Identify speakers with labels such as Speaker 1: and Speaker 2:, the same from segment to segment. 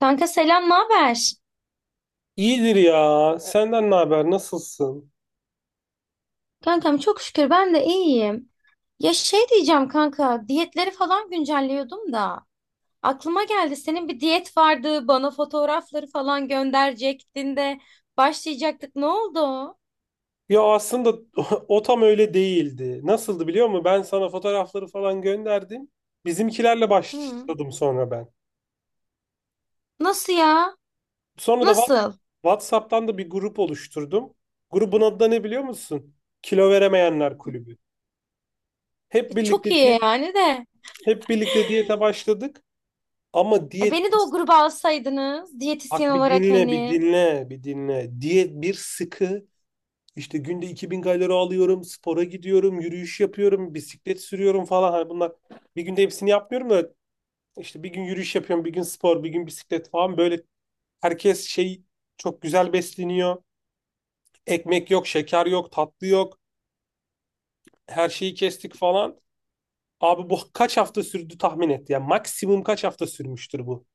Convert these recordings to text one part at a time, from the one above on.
Speaker 1: Kanka selam, ne haber?
Speaker 2: İyidir ya. Senden ne haber? Nasılsın?
Speaker 1: Kankam çok şükür ben de iyiyim. Ya şey diyeceğim kanka, diyetleri falan güncelliyordum da aklıma geldi senin bir diyet vardı, bana fotoğrafları falan gönderecektin de başlayacaktık. Ne oldu? O?
Speaker 2: Ya aslında o tam öyle değildi. Nasıldı biliyor musun? Ben sana fotoğrafları falan gönderdim. Bizimkilerle
Speaker 1: Hı.
Speaker 2: başladım sonra ben.
Speaker 1: Nasıl ya?
Speaker 2: Sonra da
Speaker 1: Nasıl?
Speaker 2: WhatsApp'tan da bir grup oluşturdum. Grubun adı da ne biliyor musun? Kilo Veremeyenler Kulübü. Hep
Speaker 1: E,
Speaker 2: birlikte
Speaker 1: çok iyi
Speaker 2: di-
Speaker 1: yani de.
Speaker 2: hep birlikte diyete başladık. Ama
Speaker 1: E,
Speaker 2: diyet,
Speaker 1: beni de o gruba alsaydınız diyetisyen
Speaker 2: bak bir
Speaker 1: olarak
Speaker 2: dinle bir
Speaker 1: hani
Speaker 2: dinle bir dinle. Diyet bir sıkı. İşte günde 2000 kalori alıyorum, spora gidiyorum, yürüyüş yapıyorum, bisiklet sürüyorum falan. Hani bunlar bir günde hepsini yapmıyorum da işte bir gün yürüyüş yapıyorum, bir gün spor, bir gün bisiklet falan. Böyle herkes şey, çok güzel besleniyor. Ekmek yok, şeker yok, tatlı yok. Her şeyi kestik falan. Abi bu kaç hafta sürdü tahmin et ya. Maksimum kaç hafta sürmüştür bu?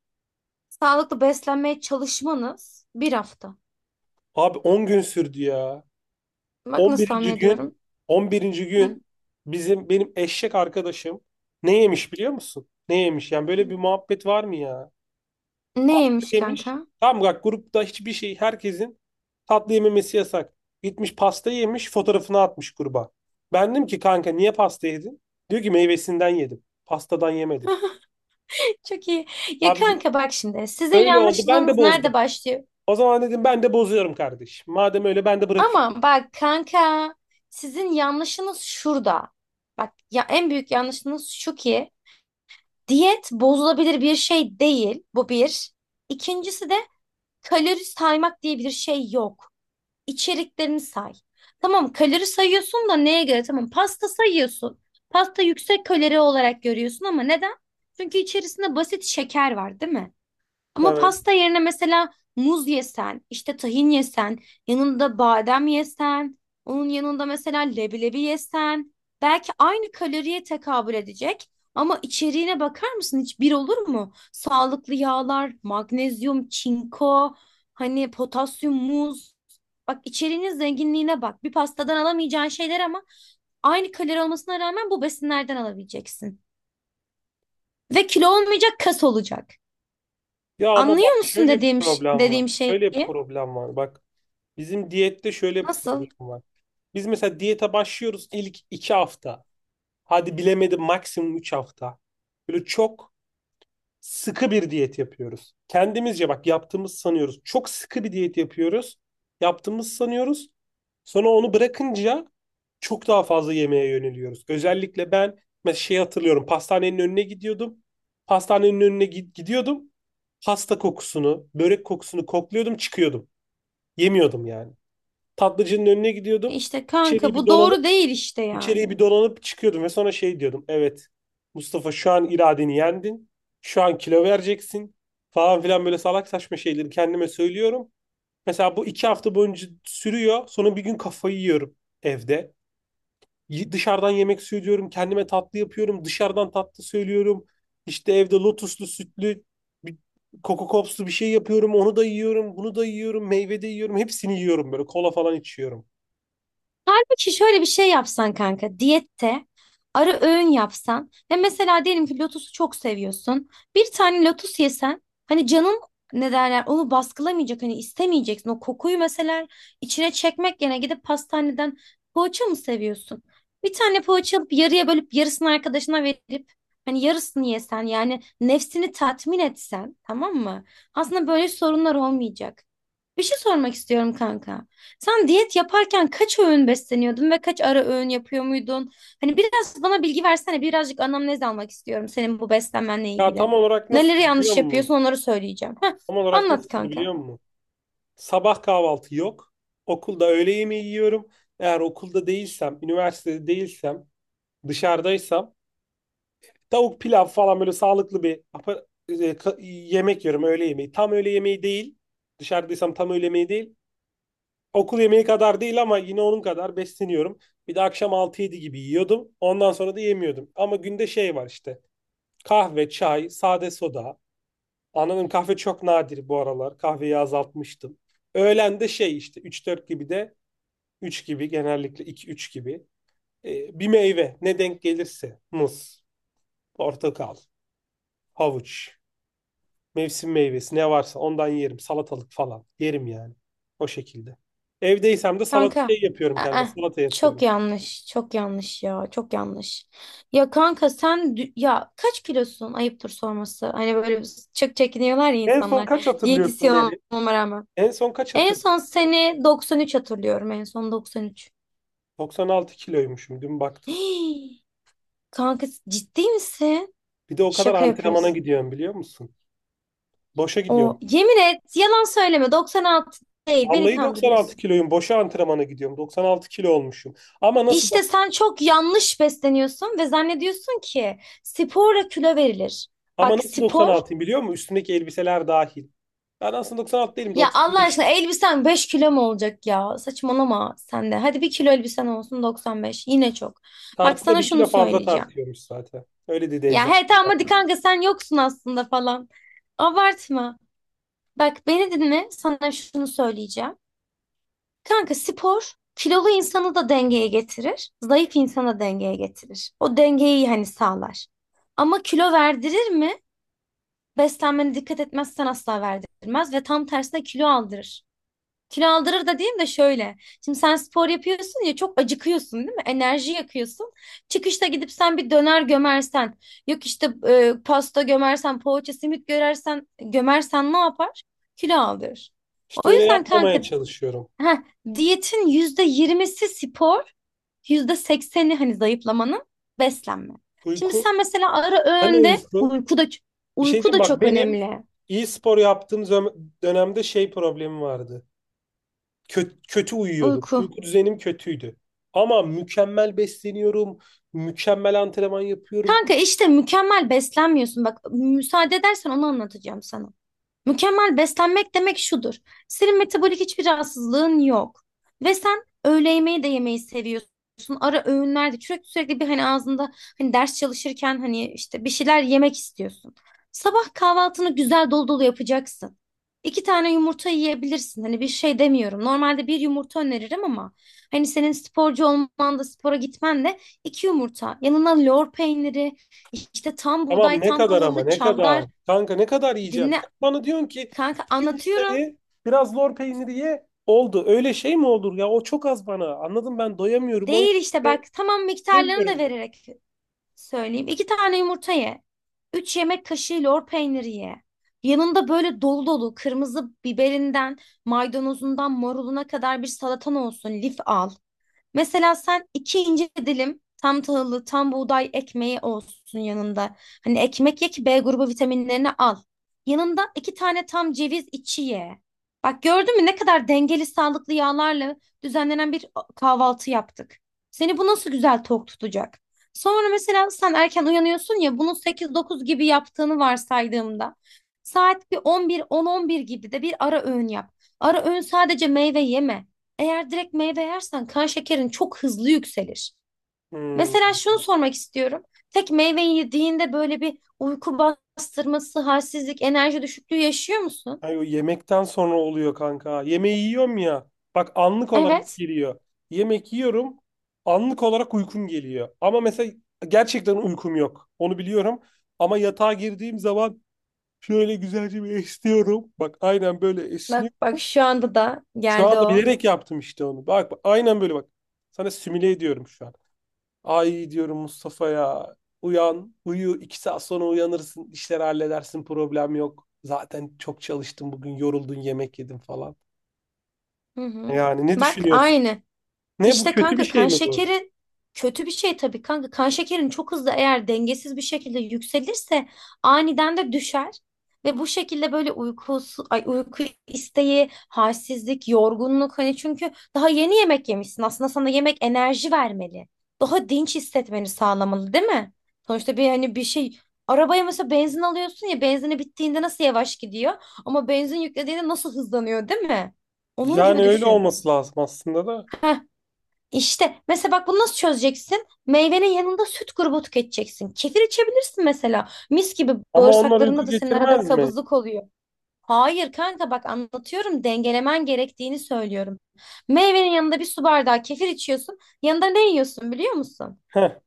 Speaker 1: sağlıklı beslenmeye çalışmanız bir hafta.
Speaker 2: Abi 10 gün sürdü ya.
Speaker 1: Bak nasıl tahmin
Speaker 2: 11. gün,
Speaker 1: ediyorum.
Speaker 2: 11.
Speaker 1: Hı.
Speaker 2: gün bizim, benim eşek arkadaşım ne yemiş biliyor musun? Ne yemiş? Yani böyle bir muhabbet var mı ya? Pasta
Speaker 1: Neymiş
Speaker 2: yemiş.
Speaker 1: kanka?
Speaker 2: Tamam, bak grupta hiçbir şey, herkesin tatlı yememesi yasak. Gitmiş pasta yemiş, fotoğrafını atmış gruba. Ben dedim ki, kanka niye pasta yedin? Diyor ki, meyvesinden yedim, pastadan yemedim.
Speaker 1: Çok iyi. Ya
Speaker 2: Abi
Speaker 1: kanka bak şimdi sizin
Speaker 2: öyle oldu, ben de
Speaker 1: yanlışlığınız
Speaker 2: bozdum.
Speaker 1: nerede başlıyor?
Speaker 2: O zaman dedim, ben de bozuyorum kardeş. Madem öyle ben de bırakıyorum.
Speaker 1: Ama bak kanka, sizin yanlışınız şurada. Bak ya en büyük yanlışınız şu ki diyet bozulabilir bir şey değil. Bu bir. İkincisi de kalori saymak diye bir şey yok. İçeriklerini say. Tamam, kalori sayıyorsun da neye göre? Tamam, pasta sayıyorsun. Pasta yüksek kalori olarak görüyorsun ama neden? Çünkü içerisinde basit şeker var, değil mi? Ama
Speaker 2: Evet.
Speaker 1: pasta yerine mesela muz yesen, işte tahin yesen, yanında badem yesen, onun yanında mesela leblebi yesen, belki aynı kaloriye tekabül edecek ama içeriğine bakar mısın, hiç bir olur mu? Sağlıklı yağlar, magnezyum, çinko, hani potasyum, muz. Bak içeriğinin zenginliğine bak. Bir pastadan alamayacağın şeyler ama aynı kalori olmasına rağmen bu besinlerden alabileceksin. Ve kilo olmayacak, kas olacak.
Speaker 2: Ya ama
Speaker 1: Anlıyor
Speaker 2: bak,
Speaker 1: musun
Speaker 2: şöyle bir
Speaker 1: dediğim
Speaker 2: problem var.
Speaker 1: dediğim şeyi?
Speaker 2: Şöyle bir problem var. Bak, bizim diyette şöyle bir
Speaker 1: Nasıl?
Speaker 2: problem var. Biz mesela diyete başlıyoruz, ilk 2 hafta. Hadi bilemedim maksimum 3 hafta. Böyle çok sıkı bir diyet yapıyoruz. Kendimizce, bak yaptığımız sanıyoruz. Çok sıkı bir diyet yapıyoruz. Yaptığımız sanıyoruz. Sonra onu bırakınca çok daha fazla yemeğe yöneliyoruz. Özellikle ben mesela şey hatırlıyorum. Pastanenin önüne gidiyordum. Pastanenin önüne gidiyordum. Pasta kokusunu, börek kokusunu kokluyordum, çıkıyordum. Yemiyordum yani. Tatlıcının önüne
Speaker 1: E,
Speaker 2: gidiyordum.
Speaker 1: İşte kanka
Speaker 2: İçeriği bir
Speaker 1: bu
Speaker 2: dolanıp
Speaker 1: doğru değil işte
Speaker 2: içeriği bir
Speaker 1: yani.
Speaker 2: dolanıp çıkıyordum ve sonra şey diyordum. Evet, Mustafa şu an iradeni yendin. Şu an kilo vereceksin, falan filan, böyle salak saçma şeyleri kendime söylüyorum. Mesela bu 2 hafta boyunca sürüyor. Sonra bir gün kafayı yiyorum evde. Dışarıdan yemek söylüyorum. Kendime tatlı yapıyorum. Dışarıdan tatlı söylüyorum. İşte evde lotuslu, sütlü bir, Coco Pops'lu bir şey yapıyorum. Onu da yiyorum, bunu da yiyorum, meyve de yiyorum. Hepsini yiyorum böyle. Kola falan içiyorum.
Speaker 1: Halbuki şöyle bir şey yapsan kanka diyette, ara öğün yapsan ve mesela diyelim ki lotusu çok seviyorsun. Bir tane lotus yesen hani canın, ne derler, onu baskılamayacak, hani istemeyeceksin. O kokuyu mesela içine çekmek yerine gidip pastaneden, poğaça mı seviyorsun? Bir tane poğaça alıp yarıya bölüp yarısını arkadaşına verip hani yarısını yesen yani nefsini tatmin etsen, tamam mı? Aslında böyle sorunlar olmayacak. Bir şey sormak istiyorum kanka. Sen diyet yaparken kaç öğün besleniyordun ve kaç ara öğün yapıyor muydun? Hani biraz bana bilgi versene, birazcık anamnez almak istiyorum senin bu beslenmenle
Speaker 2: Ya
Speaker 1: ilgili.
Speaker 2: tam olarak nasıl
Speaker 1: Neleri
Speaker 2: biliyor
Speaker 1: yanlış
Speaker 2: musun?
Speaker 1: yapıyorsun onları söyleyeceğim. Heh,
Speaker 2: Tam olarak
Speaker 1: anlat
Speaker 2: nasıl
Speaker 1: kanka.
Speaker 2: biliyor musun? Sabah kahvaltı yok. Okulda öğle yemeği yiyorum. Eğer okulda değilsem, üniversitede değilsem, dışarıdaysam, tavuk pilav falan, böyle sağlıklı bir yemek yiyorum, öğle yemeği. Tam öğle yemeği değil. Dışarıdaysam tam öğle yemeği değil. Okul yemeği kadar değil ama yine onun kadar besleniyorum. Bir de akşam altı yedi gibi yiyordum. Ondan sonra da yemiyordum. Ama günde şey var işte. Kahve, çay, sade soda. Anladım, kahve çok nadir bu aralar. Kahveyi azaltmıştım. Öğlen de şey işte üç dört gibi de, üç gibi genellikle, iki üç gibi. Bir meyve, ne denk gelirse. Muz, portakal, havuç, mevsim meyvesi ne varsa ondan yerim. Salatalık falan yerim yani. O şekilde. Evdeysem de salata
Speaker 1: Kanka.
Speaker 2: şey yapıyorum kendime.
Speaker 1: Aa,
Speaker 2: Salata
Speaker 1: çok
Speaker 2: yapıyorum.
Speaker 1: yanlış, çok yanlış ya, çok yanlış. Ya kanka sen ya kaç kilosun? Ayıptır sorması. Hani böyle çok çekiniyorlar ya
Speaker 2: En son kaç
Speaker 1: insanlar.
Speaker 2: hatırlıyorsun
Speaker 1: Diyetisyen
Speaker 2: beni?
Speaker 1: olmama rağmen.
Speaker 2: En son kaç
Speaker 1: En
Speaker 2: hatırlıyorsun?
Speaker 1: son seni 93 hatırlıyorum. En son 93.
Speaker 2: 96 kiloymuşum dün baktım.
Speaker 1: Kanka ciddi misin?
Speaker 2: Bir de o kadar
Speaker 1: Şaka
Speaker 2: antrenmana
Speaker 1: yapıyorsun.
Speaker 2: gidiyorum biliyor musun? Boşa gidiyorum.
Speaker 1: O yemin et, yalan söyleme. 96 değil, beni
Speaker 2: Vallahi 96
Speaker 1: kandırıyorsun.
Speaker 2: kiloyum. Boşa antrenmana gidiyorum. 96 kilo olmuşum. Ama nasıl da
Speaker 1: İşte sen çok yanlış besleniyorsun ve zannediyorsun ki sporla kilo verilir.
Speaker 2: ama
Speaker 1: Bak
Speaker 2: nasıl
Speaker 1: spor,
Speaker 2: 96'yım biliyor musun? Üstümdeki elbiseler dahil. Ben aslında 96 değilim,
Speaker 1: ya Allah
Speaker 2: 95.
Speaker 1: aşkına elbisen 5 kilo mu olacak ya? Saçmalama sen de. Hadi bir kilo elbisen olsun, 95. Yine çok. Bak
Speaker 2: Tartıda
Speaker 1: sana
Speaker 2: bir
Speaker 1: şunu
Speaker 2: kilo fazla
Speaker 1: söyleyeceğim.
Speaker 2: tartıyormuş zaten. Öyle dedi
Speaker 1: Ya he
Speaker 2: eczacı.
Speaker 1: tamam, hadi kanka sen yoksun aslında falan. Abartma. Bak beni dinle, sana şunu söyleyeceğim. Kanka spor kilolu insanı da dengeye getirir, zayıf insanı da dengeye getirir. O dengeyi hani sağlar. Ama kilo verdirir mi? Beslenmene dikkat etmezsen asla verdirmez ve tam tersine kilo aldırır. Kilo aldırır da diyeyim de şöyle. Şimdi sen spor yapıyorsun ya, çok acıkıyorsun değil mi? Enerji yakıyorsun. Çıkışta gidip sen bir döner gömersen, yok işte pasta gömersen, poğaça, simit görersen, gömersen ne yapar? Kilo aldırır.
Speaker 2: İşte
Speaker 1: O
Speaker 2: öyle
Speaker 1: yüzden kanka,
Speaker 2: yapmamaya çalışıyorum.
Speaker 1: heh, diyetin %20'si spor, %80'i hani zayıflamanın beslenme. Şimdi
Speaker 2: Uyku.
Speaker 1: sen mesela ara
Speaker 2: Hani
Speaker 1: öğünde
Speaker 2: uyku?
Speaker 1: uyku da,
Speaker 2: Bir şey
Speaker 1: uyku
Speaker 2: diyeyim
Speaker 1: da
Speaker 2: bak,
Speaker 1: çok
Speaker 2: benim
Speaker 1: önemli.
Speaker 2: iyi spor yaptığım dönemde şey problemi vardı. Kötü, kötü uyuyordum.
Speaker 1: Uyku.
Speaker 2: Uyku düzenim kötüydü. Ama mükemmel besleniyorum. Mükemmel antrenman yapıyorum.
Speaker 1: Kanka işte mükemmel beslenmiyorsun. Bak müsaade edersen onu anlatacağım sana. Mükemmel beslenmek demek şudur. Senin metabolik hiçbir rahatsızlığın yok. Ve sen öğle yemeği de yemeyi seviyorsun. Ara öğünlerde sürekli sürekli bir hani ağzında, hani ders çalışırken hani işte bir şeyler yemek istiyorsun. Sabah kahvaltını güzel dolu dolu yapacaksın. İki tane yumurta yiyebilirsin. Hani bir şey demiyorum. Normalde bir yumurta öneririm ama hani senin sporcu olman da spora gitmen de, iki yumurta. Yanına lor peyniri, işte tam
Speaker 2: Tamam,
Speaker 1: buğday,
Speaker 2: ne
Speaker 1: tam
Speaker 2: kadar, ama
Speaker 1: tahıllı
Speaker 2: ne kadar?
Speaker 1: çavdar,
Speaker 2: Kanka, ne kadar yiyeceğim? Sen
Speaker 1: dinle.
Speaker 2: bana diyorsun ki,
Speaker 1: Kanka, anlatıyorum.
Speaker 2: yumurtayı, biraz lor peyniri ye. Oldu. Öyle şey mi olur ya? O çok az bana. Anladım, ben doyamıyorum. O yüzden
Speaker 1: Değil işte, bak
Speaker 2: de
Speaker 1: tamam, miktarlarını da
Speaker 2: süremiyorum bunu.
Speaker 1: vererek söyleyeyim. İki tane yumurta ye. Üç yemek kaşığı lor peyniri ye. Yanında böyle dolu dolu kırmızı biberinden, maydanozundan, maruluna kadar bir salatan olsun. Lif al. Mesela sen iki ince dilim tam tahıllı, tam buğday ekmeği olsun yanında. Hani ekmek ye ki B grubu vitaminlerini al. Yanında iki tane tam ceviz içi ye. Bak gördün mü ne kadar dengeli, sağlıklı yağlarla düzenlenen bir kahvaltı yaptık. Seni bu nasıl güzel tok tutacak? Sonra mesela sen erken uyanıyorsun ya, bunu sekiz dokuz gibi yaptığını varsaydığımda saat bir on bir on on bir gibi de bir ara öğün yap. Ara öğün sadece meyve yeme. Eğer direkt meyve yersen kan şekerin çok hızlı yükselir.
Speaker 2: Hmm.
Speaker 1: Mesela şunu sormak istiyorum. Tek meyve yediğinde böyle bir uyku bastırması, halsizlik, enerji düşüklüğü yaşıyor musun?
Speaker 2: Ay, o yemekten sonra oluyor kanka. Yemeği yiyorum ya. Bak, anlık olarak
Speaker 1: Evet.
Speaker 2: geliyor. Yemek yiyorum. Anlık olarak uykum geliyor. Ama mesela gerçekten uykum yok, onu biliyorum. Ama yatağa girdiğim zaman şöyle güzelce bir esniyorum. Bak aynen böyle
Speaker 1: Bak
Speaker 2: esniyorum.
Speaker 1: bak, şu anda da
Speaker 2: Şu
Speaker 1: geldi
Speaker 2: anda
Speaker 1: o.
Speaker 2: bilerek yaptım işte onu. Bak, bak aynen böyle bak. Sana simüle ediyorum şu an. Ay, diyorum, Mustafa ya, uyan, uyu. 2 saat sonra uyanırsın. İşleri halledersin. Problem yok. Zaten çok çalıştım bugün. Yoruldun, yemek yedim falan.
Speaker 1: Hı hı.
Speaker 2: Yani ne
Speaker 1: Bak
Speaker 2: düşünüyorsun?
Speaker 1: aynı.
Speaker 2: Ne, bu
Speaker 1: İşte
Speaker 2: kötü bir
Speaker 1: kanka
Speaker 2: şey
Speaker 1: kan
Speaker 2: mi bu?
Speaker 1: şekeri kötü bir şey tabii kanka. Kan şekerin çok hızlı, eğer dengesiz bir şekilde yükselirse aniden de düşer. Ve bu şekilde böyle uykusu, ay uyku isteği, halsizlik, yorgunluk hani, çünkü daha yeni yemek yemişsin. Aslında sana yemek enerji vermeli. Daha dinç hissetmeni sağlamalı, değil mi? Sonuçta bir hani, bir şey, arabaya mesela benzin alıyorsun ya, benzini bittiğinde nasıl yavaş gidiyor ama benzin yüklediğinde nasıl hızlanıyor, değil mi? Onun
Speaker 2: Yani
Speaker 1: gibi
Speaker 2: öyle
Speaker 1: düşün.
Speaker 2: olması lazım aslında da.
Speaker 1: Heh, işte mesela bak bunu nasıl çözeceksin? Meyvenin yanında süt grubu tüketeceksin. Kefir içebilirsin mesela. Mis gibi
Speaker 2: Ama onlar uyku
Speaker 1: bağırsaklarında da senin arada
Speaker 2: getirmez mi?
Speaker 1: kabızlık oluyor. Hayır kanka, bak anlatıyorum, dengelemen gerektiğini söylüyorum. Meyvenin yanında bir su bardağı kefir içiyorsun. Yanında ne yiyorsun biliyor musun?
Speaker 2: Heh.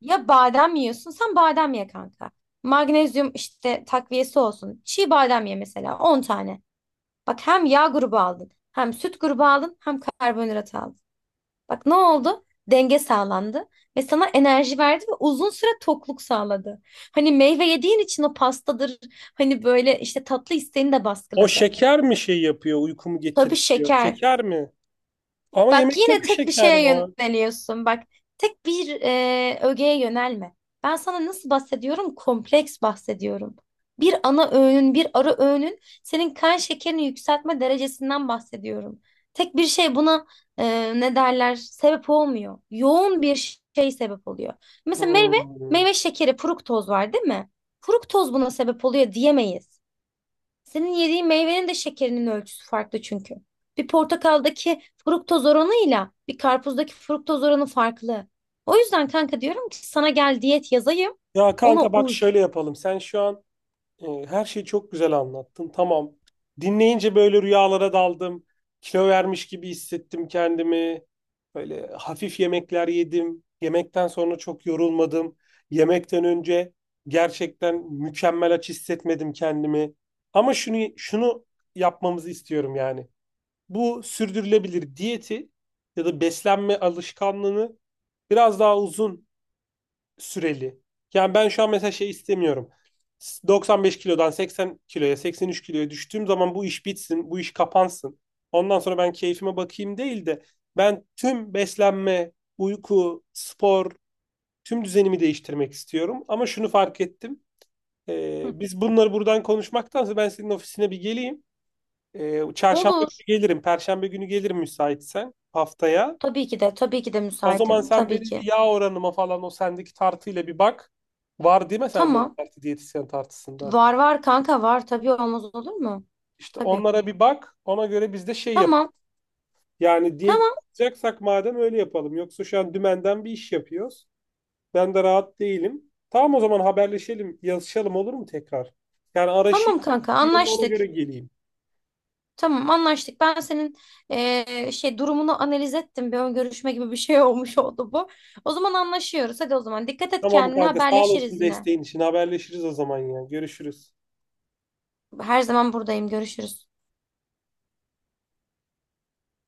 Speaker 1: Ya badem yiyorsun, sen badem ye kanka. Magnezyum işte takviyesi olsun. Çiğ badem ye mesela. 10 tane. Bak hem yağ grubu aldın, hem süt grubu aldın, hem karbonhidrat aldın. Bak ne oldu? Denge sağlandı ve sana enerji verdi ve uzun süre tokluk sağladı. Hani meyve yediğin için o pastadır, hani böyle işte tatlı isteğini de
Speaker 2: O
Speaker 1: baskıladı.
Speaker 2: şeker mi şey yapıyor, uykumu
Speaker 1: Tabii
Speaker 2: getirtiyor?
Speaker 1: şeker.
Speaker 2: Şeker mi? Ama
Speaker 1: Bak
Speaker 2: yemekte
Speaker 1: yine
Speaker 2: de
Speaker 1: tek bir
Speaker 2: şeker
Speaker 1: şeye
Speaker 2: var.
Speaker 1: yöneliyorsun. Bak tek bir ögeye yönelme. Ben sana nasıl bahsediyorum? Kompleks bahsediyorum. Bir ana öğünün, bir ara öğünün senin kan şekerini yükseltme derecesinden bahsediyorum. Tek bir şey buna, ne derler? Sebep olmuyor. Yoğun bir şey sebep oluyor. Mesela meyve,
Speaker 2: Hmm.
Speaker 1: meyve şekeri, fruktoz var değil mi? Fruktoz buna sebep oluyor diyemeyiz. Senin yediğin meyvenin de şekerinin ölçüsü farklı çünkü. Bir portakaldaki fruktoz oranıyla bir karpuzdaki fruktoz oranı farklı. O yüzden kanka diyorum ki sana, gel diyet yazayım.
Speaker 2: Ya
Speaker 1: Ona
Speaker 2: kanka bak,
Speaker 1: uy.
Speaker 2: şöyle yapalım. Sen şu an, her şeyi çok güzel anlattın. Tamam. Dinleyince böyle rüyalara daldım. Kilo vermiş gibi hissettim kendimi. Böyle hafif yemekler yedim. Yemekten sonra çok yorulmadım. Yemekten önce gerçekten mükemmel aç hissetmedim kendimi. Ama şunu yapmamızı istiyorum yani. Bu sürdürülebilir diyeti ya da beslenme alışkanlığını biraz daha uzun süreli. Yani ben şu an mesela şey istemiyorum. 95 kilodan 80 kiloya, 83 kiloya düştüğüm zaman bu iş bitsin, bu iş kapansın. Ondan sonra ben keyfime bakayım değil de ben tüm beslenme, uyku, spor, tüm düzenimi değiştirmek istiyorum. Ama şunu fark ettim. Ee,
Speaker 1: Hı.
Speaker 2: biz bunları buradan konuşmaktansa ben senin ofisine bir geleyim. Çarşamba
Speaker 1: Olur.
Speaker 2: günü gelirim, perşembe günü gelirim müsaitsen, haftaya.
Speaker 1: Tabii ki de, tabii ki de
Speaker 2: O zaman
Speaker 1: müsaitim.
Speaker 2: sen
Speaker 1: Tabii
Speaker 2: benim bir
Speaker 1: ki.
Speaker 2: yağ oranıma falan, o sendeki tartıyla bir bak. Var değil mi sende o
Speaker 1: Tamam.
Speaker 2: tartı, diyetisyen tartısından?
Speaker 1: Var var kanka var. Tabii, olmaz olur mu?
Speaker 2: İşte
Speaker 1: Tabii.
Speaker 2: onlara bir bak. Ona göre biz de şey yapalım.
Speaker 1: Tamam.
Speaker 2: Yani diyet
Speaker 1: Tamam.
Speaker 2: yapacaksak madem, öyle yapalım. Yoksa şu an dümenden bir iş yapıyoruz. Ben de rahat değilim. Tamam, o zaman haberleşelim, yazışalım olur mu tekrar? Yani araşayım,
Speaker 1: Tamam kanka,
Speaker 2: ona
Speaker 1: anlaştık.
Speaker 2: göre geleyim.
Speaker 1: Tamam, anlaştık. Ben senin şey durumunu analiz ettim. Bir ön görüşme gibi bir şey olmuş oldu bu. O zaman anlaşıyoruz. Hadi o zaman dikkat et
Speaker 2: Tamam
Speaker 1: kendine,
Speaker 2: kanka, sağ
Speaker 1: haberleşiriz
Speaker 2: olasın
Speaker 1: yine.
Speaker 2: desteğin için. Haberleşiriz o zaman ya. Görüşürüz.
Speaker 1: Her zaman buradayım. Görüşürüz.